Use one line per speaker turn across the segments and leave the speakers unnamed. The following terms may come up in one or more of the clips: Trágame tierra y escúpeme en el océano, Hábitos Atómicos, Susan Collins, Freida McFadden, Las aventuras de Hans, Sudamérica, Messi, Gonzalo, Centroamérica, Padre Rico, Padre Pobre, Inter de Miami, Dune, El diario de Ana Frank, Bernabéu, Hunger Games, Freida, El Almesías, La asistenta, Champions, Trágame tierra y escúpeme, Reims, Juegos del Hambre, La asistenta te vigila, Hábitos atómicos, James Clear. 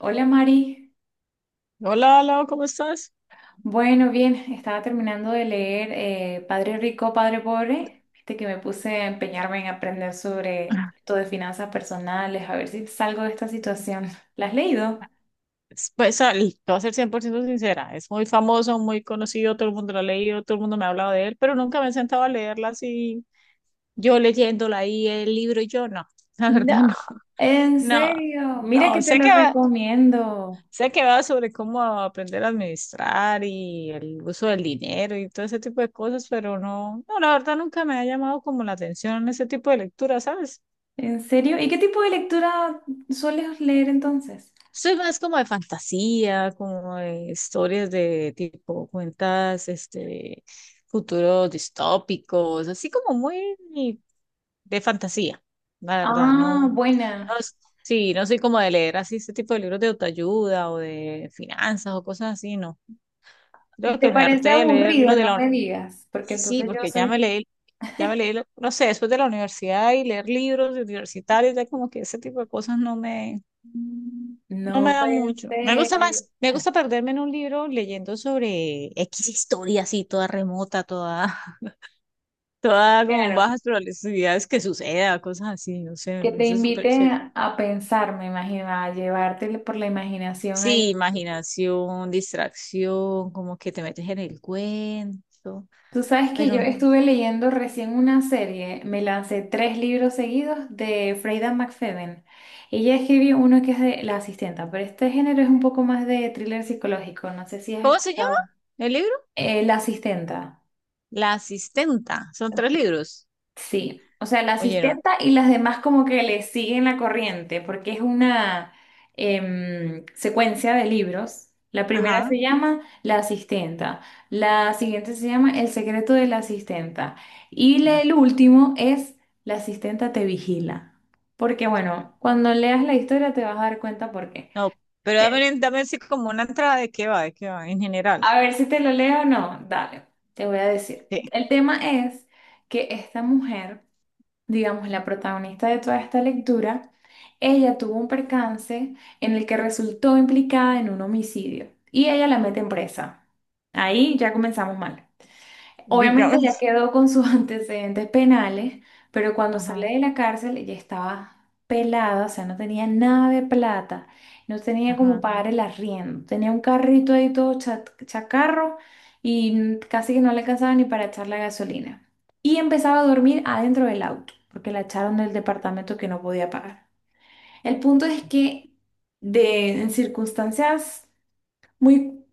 Hola Mari.
Hola, Lau, ¿cómo estás?
Bueno, bien, estaba terminando de leer Padre Rico, Padre Pobre, este que me puse a empeñarme en aprender sobre
Ah.
todo de finanzas personales, a ver si salgo de esta situación. ¿La has leído?
Pues, te voy a ser 100% sincera, es muy famoso, muy conocido, todo el mundo lo ha leído, todo el mundo me ha hablado de él, pero nunca me he sentado a leerla así, yo leyéndola ahí, el libro y yo, no, la verdad
No.
no,
En
no,
serio, mira
no,
que te
sé que
lo
va,
recomiendo.
sobre cómo aprender a administrar y el uso del dinero y todo ese tipo de cosas, pero no, no, la verdad nunca me ha llamado como la atención ese tipo de lectura, ¿sabes?
En serio, ¿y qué tipo de lectura sueles leer entonces?
Soy más como de fantasía, como de historias de tipo cuentas, este, futuros distópicos, así como muy de fantasía, la verdad, no,
Ah,
no,
buena.
sí, no soy como de leer así este tipo de libros de autoayuda o de finanzas o cosas así, no. Creo
¿Te
que me
parece
harté de leer
aburrido?
lo de la
No
universidad,
me digas, porque
sí,
entonces yo
porque
soy.
ya me leí, no sé, después de la universidad y leer libros universitarios, ya como que ese tipo de cosas no me
No
da
puede
mucho. Me
ser.
gusta más, me gusta perderme en un libro leyendo sobre X historia así, toda remota, toda, toda con
Claro.
bajas probabilidades que suceda, cosas así, no sé, me
Que te
parece súper
inviten
chévere.
a pensar, me imagino, a llevarte por la imaginación ahí.
Sí, imaginación, distracción, como que te metes en el cuento,
Tú sabes que yo
pero
estuve leyendo recién una serie, me lancé tres libros seguidos de Freida McFadden. Ella escribió uno que es de La Asistenta, pero este género es un poco más de thriller psicológico, no sé si has
¿cómo se llama
escuchado.
el libro?
La Asistenta.
La asistenta, son tres libros.
Sí, o sea, la
Oyeron,
asistenta y las demás como que le siguen la corriente, porque es una secuencia de libros. La primera
ajá,
se llama La Asistenta, la siguiente se llama El Secreto de la Asistenta y
ajá.
el último es La Asistenta te Vigila. Porque bueno, cuando leas la historia te vas a dar cuenta por qué.
No, pero
Eh,
dame, así como una entrada de qué va, en general.
a ver si te lo leo o no, dale, te voy a decir.
Sí,
El tema es que esta mujer, digamos, la protagonista de toda esta lectura, ella tuvo un percance en el que resultó implicada en un homicidio y ella la meten presa. Ahí ya comenzamos mal. Obviamente ya
digamos.
quedó con sus antecedentes penales, pero cuando
Ajá.
sale de la cárcel ya estaba pelada, o sea, no tenía nada de plata, no tenía como
Ajá.
pagar el arriendo, tenía un carrito ahí todo chacarro y casi que no le alcanzaba ni para echar la gasolina. Y empezaba a dormir adentro del auto, porque la echaron del departamento que no podía pagar. El punto es que en circunstancias muy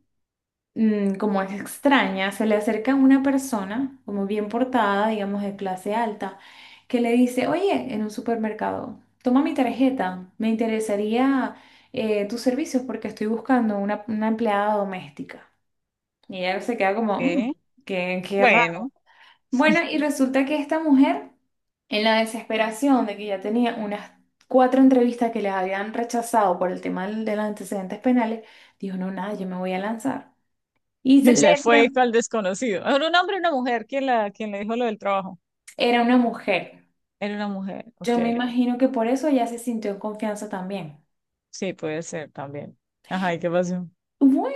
como es extraña, se le acerca una persona, como bien portada, digamos de clase alta, que le dice, oye, en un supermercado, toma mi tarjeta, me interesaría tus servicios porque estoy buscando una empleada doméstica. Y ella se queda como: "Mm,
Ok.
qué, qué
Bueno,
raro". Bueno, y resulta que esta mujer, en la desesperación de que ya tenía unas cuatro entrevistas que les habían rechazado por el tema de los antecedentes penales, dijo, no, nada, yo me voy a lanzar. Y se-
o
le,
sea, fue
le
esto al desconocido. ¿Era un hombre o una mujer? ¿Quién la, quién le dijo lo del trabajo?
Era una mujer.
Era una mujer,
Yo
ok.
me imagino que por eso ella se sintió en confianza también.
Sí, puede ser también. Ajá, ¿y qué pasó?
Bueno,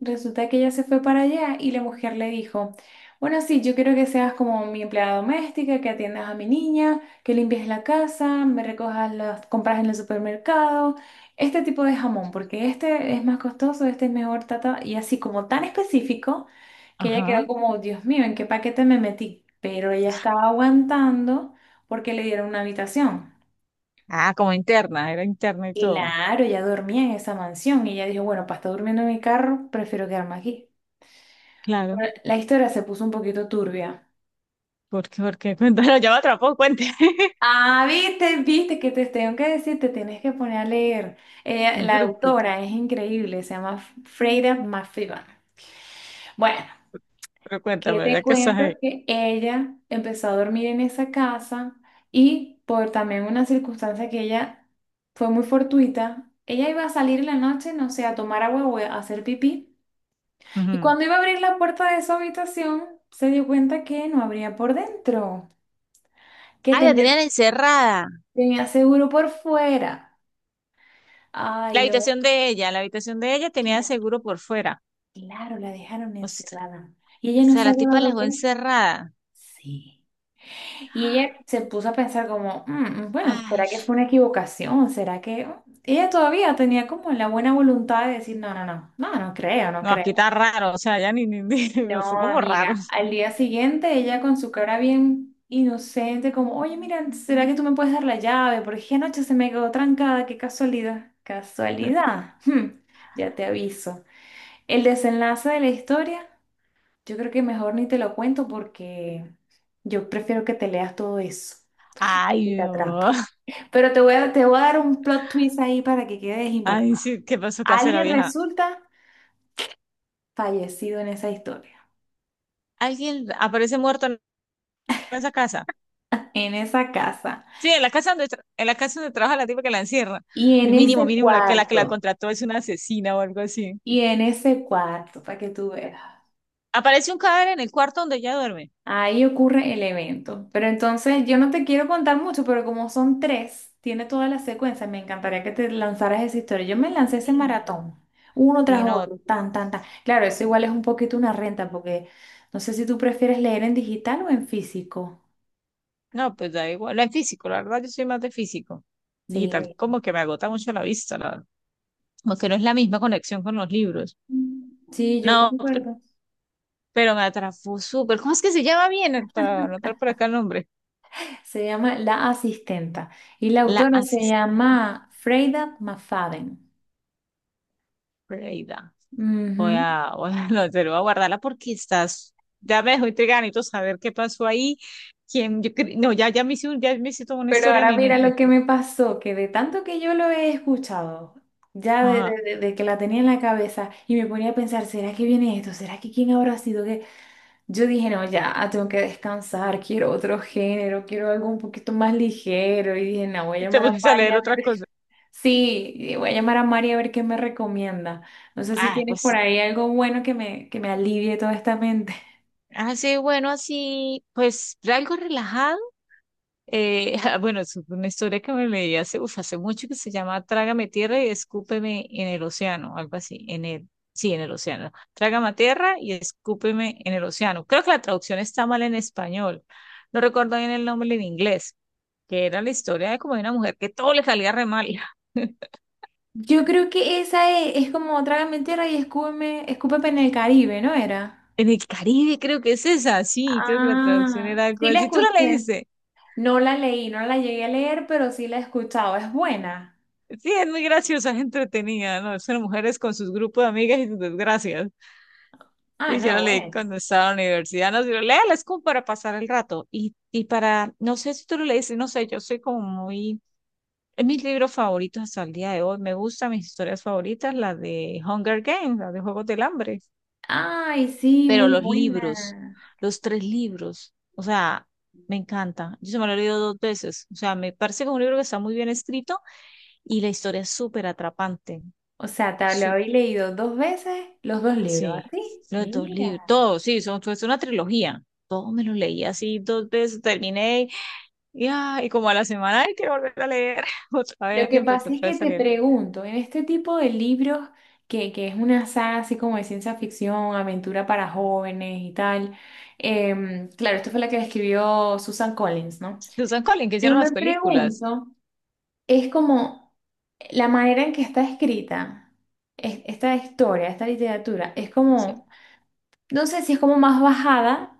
resulta que ella se fue para allá y la mujer le dijo, bueno, sí, yo quiero que seas como mi empleada doméstica, que atiendas a mi niña, que limpies la casa, me recojas las compras en el supermercado, este tipo de jamón, porque este es más costoso, este es mejor, tata, y así como tan específico, que ella quedó
Ajá.
como, Dios mío, ¿en qué paquete me metí? Pero ella estaba aguantando porque le dieron una habitación.
Ah, como interna, era interna y todo.
Claro, ella dormía en esa mansión y ella dijo, bueno, para estar durmiendo en mi carro, prefiero quedarme aquí. Pero
Claro,
la historia se puso un poquito turbia.
porque, cuéntalo, ya me atrapó, cuente.
Ah, viste, viste que te tengo que decir, te tienes que poner a leer.
No,
La
pero,
autora es increíble, se llama Freida McFadden. Bueno,
pero
¿qué
cuéntame,
te
ya que estás
cuento?
ahí.
Que ella empezó a dormir en esa casa y por también una circunstancia que ella fue muy fortuita, ella iba a salir en la noche, no sé, a tomar agua o a hacer pipí. Y
Ujú.
cuando iba a abrir la puerta de su habitación, se dio cuenta que no abría por dentro, que
Ah, la
tenía,
tenían encerrada.
tenía seguro por fuera. Ay, no,
La habitación de ella tenía
la-
seguro por fuera.
claro, la dejaron
O s-
encerrada. Y
o
ella no
sea,
se
la
había
tipa la
dado
dejó
cuenta.
encerrada.
Sí. Y ella se puso a pensar como: "Mm, bueno,
Ay.
¿será que fue una equivocación? ¿Será que... oh?". Ella todavía tenía como la buena voluntad de decir, no, no, no, no, no creo, no
No, aquí
creo.
está raro, o sea, ya no
No,
son como
amiga,
raros.
al día siguiente ella con su cara bien inocente, como, oye, mira, ¿será que tú me puedes dar la llave? Porque es que anoche se me quedó trancada, qué casualidad. ¿Casualidad? Hmm, ya te aviso. El desenlace de la historia, yo creo que mejor ni te lo cuento porque yo prefiero que te leas todo eso, que
Ay,
te atrape.
no.
Pero te voy a dar un plot twist ahí para que quedes
Ay,
impactada.
sí, ¿qué pasó? ¿Qué hace la
Alguien
vieja?
resulta fallecido en esa historia,
Alguien aparece muerto en esa casa.
en esa casa.
Sí, en la casa donde, en la casa donde trabaja la tipa que la encierra.
Y en
Mínimo,
ese
mínimo, que la
cuarto,
contrató es una asesina o algo así.
y en ese cuarto, para que tú veas,
Aparece un cadáver en el cuarto donde ella duerme.
ahí ocurre el evento. Pero entonces yo no te quiero contar mucho, pero como son tres, tiene toda la secuencia, me encantaría que te lanzaras esa historia. Yo me lancé ese
Ay, no.
maratón, uno
Y
tras
no,
otro, tan, tan, tan. Claro, eso igual es un poquito una renta, porque no sé si tú prefieres leer en digital o en físico.
no, pues da igual. No es físico, la verdad, yo soy más de físico. Digital,
Sí.
como que me agota mucho la vista, la verdad. Como que no es la misma conexión con los libros.
Sí, yo
No,
concuerdo.
pero me atrapó súper. ¿Cómo es que se llama bien? Para anotar por acá el nombre.
Se llama La Asistenta y la
La
autora se
asistente
llama Freida Mafaden.
Freida.
Ujú.
Voy a, no te lo voy a guardarla porque estás, ya me dejó intrigada, necesito saber qué pasó ahí. Quién, no, ya, ya me hice toda una
Pero
historia en
ahora
mi
mira
mente.
lo que me pasó, que de tanto que yo lo he escuchado, ya de,
Ajá.
de- de- de que la tenía en la cabeza y me ponía a pensar, ¿será que viene esto? ¿Será que quién habrá sido? Que yo dije, no, ya, tengo que descansar, quiero otro género, quiero algo un poquito más ligero. Y dije, no, voy a
Y te
llamar a
pusiste a
Mari
leer
a
otra
ver.
cosa.
Sí, y voy a llamar a Mari a ver qué me recomienda. No sé si
Ah,
tienes por
pues,
ahí algo bueno que que me alivie toda esta mente.
así, bueno, así, pues, algo relajado. Bueno, es una historia que me leí hace, uf, hace mucho que se llama Trágame tierra y escúpeme en el océano, algo así, en el, sí, en el océano. Trágame tierra y escúpeme en el océano. Creo que la traducción está mal en español. No recuerdo bien el nombre en inglés, que era la historia de como de una mujer que todo le salía re mal.
Yo creo que esa es, como Trágame tierra y escúpeme en el Caribe, ¿no era?
En el Caribe creo que es esa, sí, creo que la traducción
Ah,
era algo
sí la
así. ¿Tú la
escuché.
leíste?
No la leí, no la llegué a leer, pero sí la he escuchado. ¿Es buena?
Sí, es muy graciosa, es entretenida, ¿no? Son mujeres con sus grupos de amigas y sus desgracias.
Ah,
Y yo lo
no,
leí
bueno.
cuando estaba en la universidad, nos dijo, léelo, es como para pasar el rato. Y para, no sé si tú lo leíste, no sé, yo soy como muy, es mis libros favoritos hasta el día de hoy, me gustan mis historias favoritas, la de Hunger Games, la de Juegos del Hambre,
Ay, sí,
pero
muy buena.
los tres libros, o sea, me encanta. Yo se me lo he leído dos veces, o sea, me parece que es un libro que está muy bien escrito y la historia es súper atrapante.
O sea, te lo habéis leído dos veces los dos libros,
Sí,
¿así?
los dos libros,
Mira.
todos, sí, son, fue una trilogía. Todos me los leí así dos veces, terminé y, ah, y como a la semana, ay, quiero volver a leer otra
Lo
vez y
que
empecé
pasa es
otra
que
vez a
te
leer.
pregunto, en este tipo de libros, que es una saga así como de ciencia ficción, aventura para jóvenes y tal, claro, esto fue la que escribió Susan Collins, ¿no?
Susan Collins, que
Yo
hicieron las
me
películas.
pregunto, es como la manera en que está escrita esta historia, esta literatura, es
Sí,
como, no sé si es como más bajada,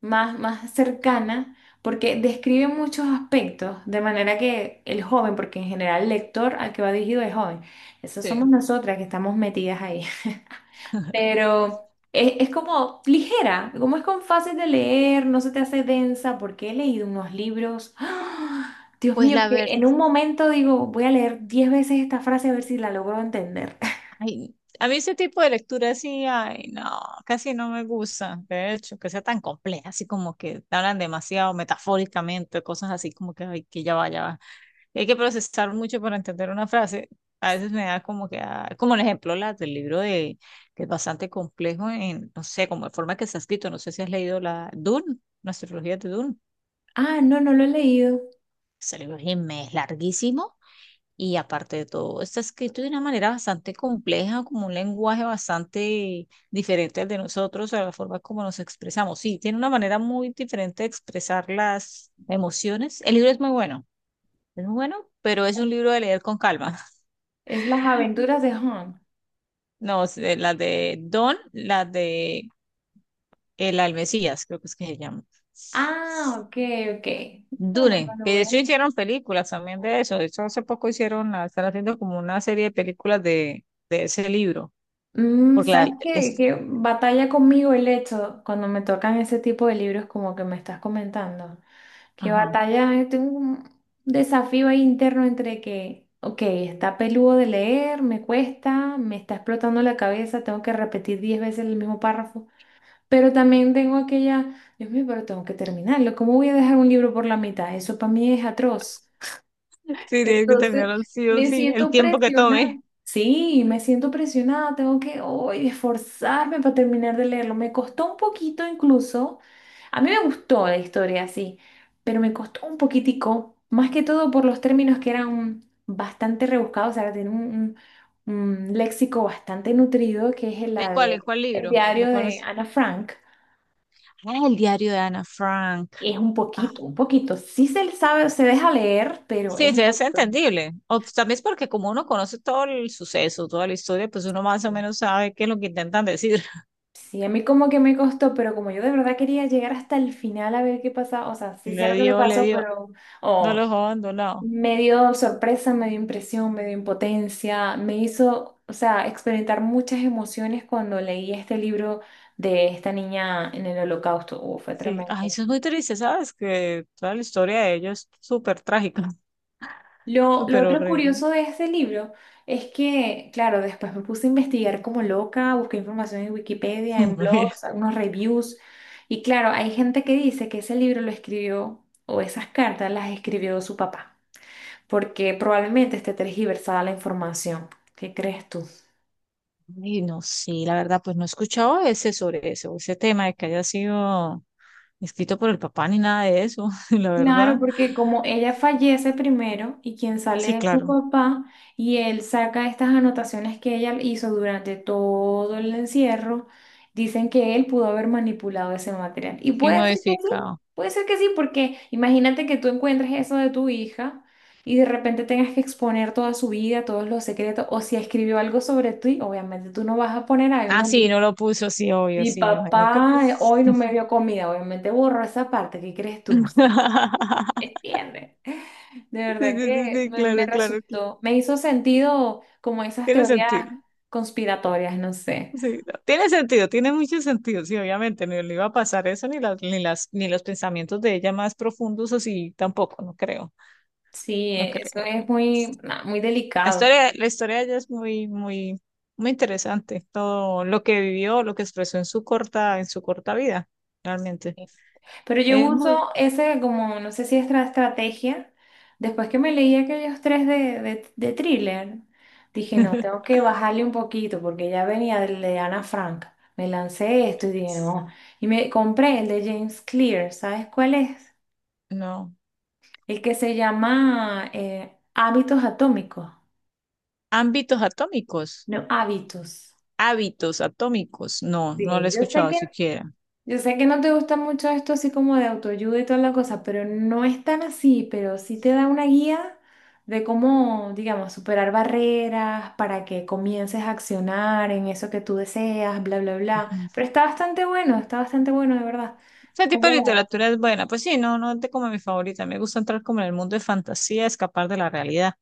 más, más cercana, porque describe muchos aspectos, de manera que el joven, porque en general el lector al que va dirigido es joven, esas somos
sí.
nosotras que estamos metidas ahí, pero es como ligera, como es con fácil de leer, no se te hace densa, porque he leído unos libros, ¡ah! Dios
Pues
mío,
la
que
verdad,
en un momento digo, voy a leer 10 veces esta frase a ver si la logro entender.
ay, a mí ese tipo de lectura sí, ay, no, casi no me gusta. De hecho, que sea tan compleja, así como que te hablan demasiado metafóricamente, cosas así como que, ay, que ya vaya. Hay que procesar mucho para entender una frase. A veces me da como que, ah, como el ejemplo la del libro de, que es bastante complejo en, no sé, como la forma que está escrito. No sé si has leído la Dune, la astrología de Dune.
Ah, no, no lo he leído.
Ese libro es es larguísimo y aparte de todo, está escrito de una manera bastante compleja, como un lenguaje bastante diferente al de nosotros, a la forma como nos expresamos. Sí, tiene una manera muy diferente de expresar las emociones. El libro es muy bueno, pero es un libro de leer con calma.
Es Las aventuras de Hans.
No, la de Don, la de El Almesías, creo que es que se llama.
Ah, ok, ok. No, no me
Dune, que
lo
de hecho
veo.
hicieron películas también de eso. De hecho, hace poco hicieron, están haciendo como una serie de películas de ese libro.
Mm,
Porque
¿sabes
la,
qué,
es-
qué batalla conmigo el hecho cuando me tocan ese tipo de libros como que me estás comentando? Que
ajá.
batalla, tengo un desafío ahí interno entre que, ok, está peludo de leer, me cuesta, me está explotando la cabeza, tengo que repetir 10 veces el mismo párrafo, pero también tengo aquella, Dios mío, pero tengo que terminarlo, ¿cómo voy a dejar un libro por la mitad? Eso para mí es atroz.
Sí, tienes que
Entonces,
tenerlo sí o
me
sí, el
siento
tiempo que
presionada.
tome.
Sí, me siento presionada, tengo que hoy esforzarme para terminar de leerlo. Me costó un poquito incluso. A mí me gustó la historia, sí, pero me costó un poquitico, más que todo por los términos que eran bastante rebuscados, o sea, tiene un léxico bastante nutrido, que es
¿El cuál? ¿El cuál
el
libro?
Diario
¿De cuál
de
es?
Ana Frank.
Ah, el diario de Ana Frank.
Es un
Ah,
poquito, un poquito. Sí se le sabe, se deja leer, pero es
sí, sí,
un
es
poquito.
entendible. O pues, también es porque como uno conoce todo el suceso, toda la historia, pues uno más o menos sabe qué es lo que intentan decir.
Sí, a mí como que me costó, pero como yo de verdad quería llegar hasta el final a ver qué pasaba, o sea, sí sé
Le
lo que le
dio, le
pasó,
dio.
pero
No los
oh,
dejó abandonado.
me dio sorpresa, me dio impresión, me dio impotencia, me hizo, o sea, experimentar muchas emociones cuando leí este libro de esta niña en el holocausto. Fue
Sí. Ay,
tremendo.
eso es muy triste, ¿sabes? Que toda la historia de ellos es súper trágica,
Lo
súper
otro
horrible.
curioso de este libro es que, claro, después me puse a investigar como loca, busqué información en Wikipedia, en blogs, algunos reviews, y claro, hay gente que dice que ese libro lo escribió, o esas cartas las escribió su papá, porque probablemente esté tergiversada la información. ¿Qué crees tú?
Y no sé, la verdad, pues no he escuchado ese sobre eso, ese tema de que haya sido escrito por el papá ni nada de eso, la verdad.
Claro, porque como ella fallece primero y quien
Sí,
sale es su
claro.
papá y él saca estas anotaciones que ella hizo durante todo el encierro, dicen que él pudo haber manipulado ese material. Y
Y
puede ser que sí,
modificado.
puede ser que sí, porque imagínate que tú encuentres eso de tu hija y de repente tengas que exponer toda su vida, todos los secretos, o si escribió algo sobre ti, obviamente tú no vas a poner ahí,
Ah,
no,
sí,
mi,
no lo puso, sí, obvio,
mi
sí, me imagino que.
papá hoy no me dio comida, obviamente borró esa parte, ¿qué crees tú? ¿Entiendes? De
Sí,
verdad
sí, sí,
que
sí,
me
claro, claro, claro.
resultó, me hizo sentido como esas
Tiene
teorías
sentido.
conspiratorias, no sé.
Sí, no, tiene sentido, tiene mucho sentido, sí, obviamente, ni le iba a pasar eso, ni los pensamientos de ella más profundos, así tampoco, no creo,
Sí,
no
eso
creo.
es muy, na, muy delicado.
La historia de ella es muy, muy, muy interesante, todo lo que vivió, lo que expresó en su corta vida, realmente.
Pero yo
Es muy,
uso ese como, no sé si es estrategia. Después que me leí aquellos tres de thriller, dije, no, tengo que bajarle un poquito porque ya venía del de Ana Frank. Me lancé esto y dije, no. Y me compré el de James Clear, ¿sabes cuál es?
no.
El que se llama Hábitos Atómicos,
Ámbitos atómicos,
no hábitos.
hábitos atómicos, no, no lo he
Sí, yo sé
escuchado
que
siquiera.
No te gusta mucho esto así como de autoayuda y toda la cosa, pero no es tan así, pero sí te da una guía de cómo, digamos, superar barreras para que comiences a accionar en eso que tú deseas, bla, bla, bla. Pero está bastante bueno, de verdad.
Ese tipo de
¿Cómo?
literatura es buena. Pues sí, no, no es de como mi favorita. Me gusta entrar como en el mundo de fantasía, escapar de la realidad.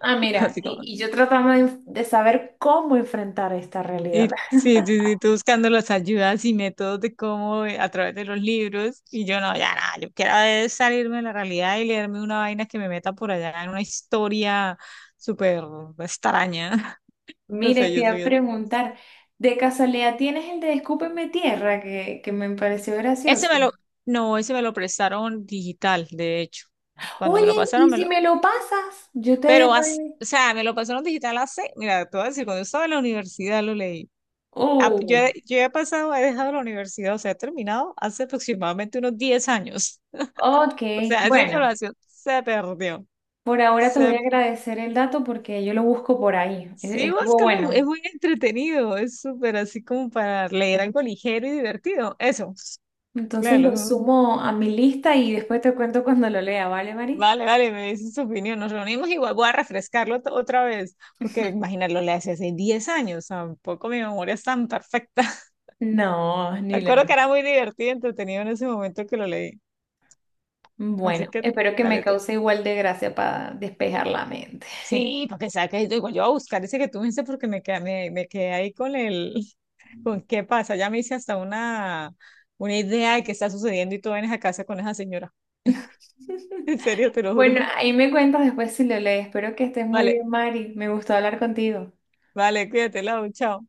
Ah, mira,
Así como.
y yo trataba de saber cómo enfrentar esta
Y
realidad.
sí, sí, sí, tú buscando las ayudas y métodos de cómo a través de los libros. Y yo no, ya nada, yo quiero es salirme de la realidad y leerme una vaina que me meta por allá en una historia súper extraña. O
Mire,
sea
te
yo
iba a
soy así.
preguntar, ¿de casualidad tienes el de Escúpeme Tierra que me pareció
Ese me
gracioso?
lo. No, ese me lo prestaron digital, de hecho. Cuando me
Oye,
lo
¿y
pasaron,
si me lo pasas? Yo te
pero,
dejo ahí.
o sea, me lo pasaron digital hace, mira, te voy a decir, cuando yo estaba en la universidad lo leí. Ah, yo,
Oh,
yo he pasado, he dejado la universidad, o sea, he terminado hace aproximadamente unos 10 años. O
ok.
sea, esa
Bueno,
información se perdió.
por ahora te voy
Se,
a agradecer el dato porque yo lo busco por ahí.
sí,
Estuvo
búscalo,
bueno.
es muy entretenido, es súper así como para leer algo ligero y divertido. Eso,
Entonces lo
claro.
sumo a mi lista y después te cuento cuando lo lea, ¿vale, Mari?
Vale, vale, me dices tu opinión. Nos reunimos igual, voy a refrescarlo otra vez, porque imaginarlo le hace 10 años, tampoco mi memoria es tan perfecta.
No,
Me
ni lo.
acuerdo que era muy divertido y entretenido en ese momento que lo leí. Así
Bueno,
que,
espero que me
dale tú.
cause igual de gracia para despejar la mente.
Sí, porque sabes que digo, yo voy a buscar ese que tú me dices porque me quedé ahí con el, con qué pasa. Ya me hice hasta una idea de qué está sucediendo y tú vienes a casa con esa señora. En serio, te lo
Bueno,
juro.
ahí me cuentas después si lo lees. Espero que estés muy
Vale,
bien, Mari. Me gustó hablar contigo.
vale, cuídate, Lau, chao.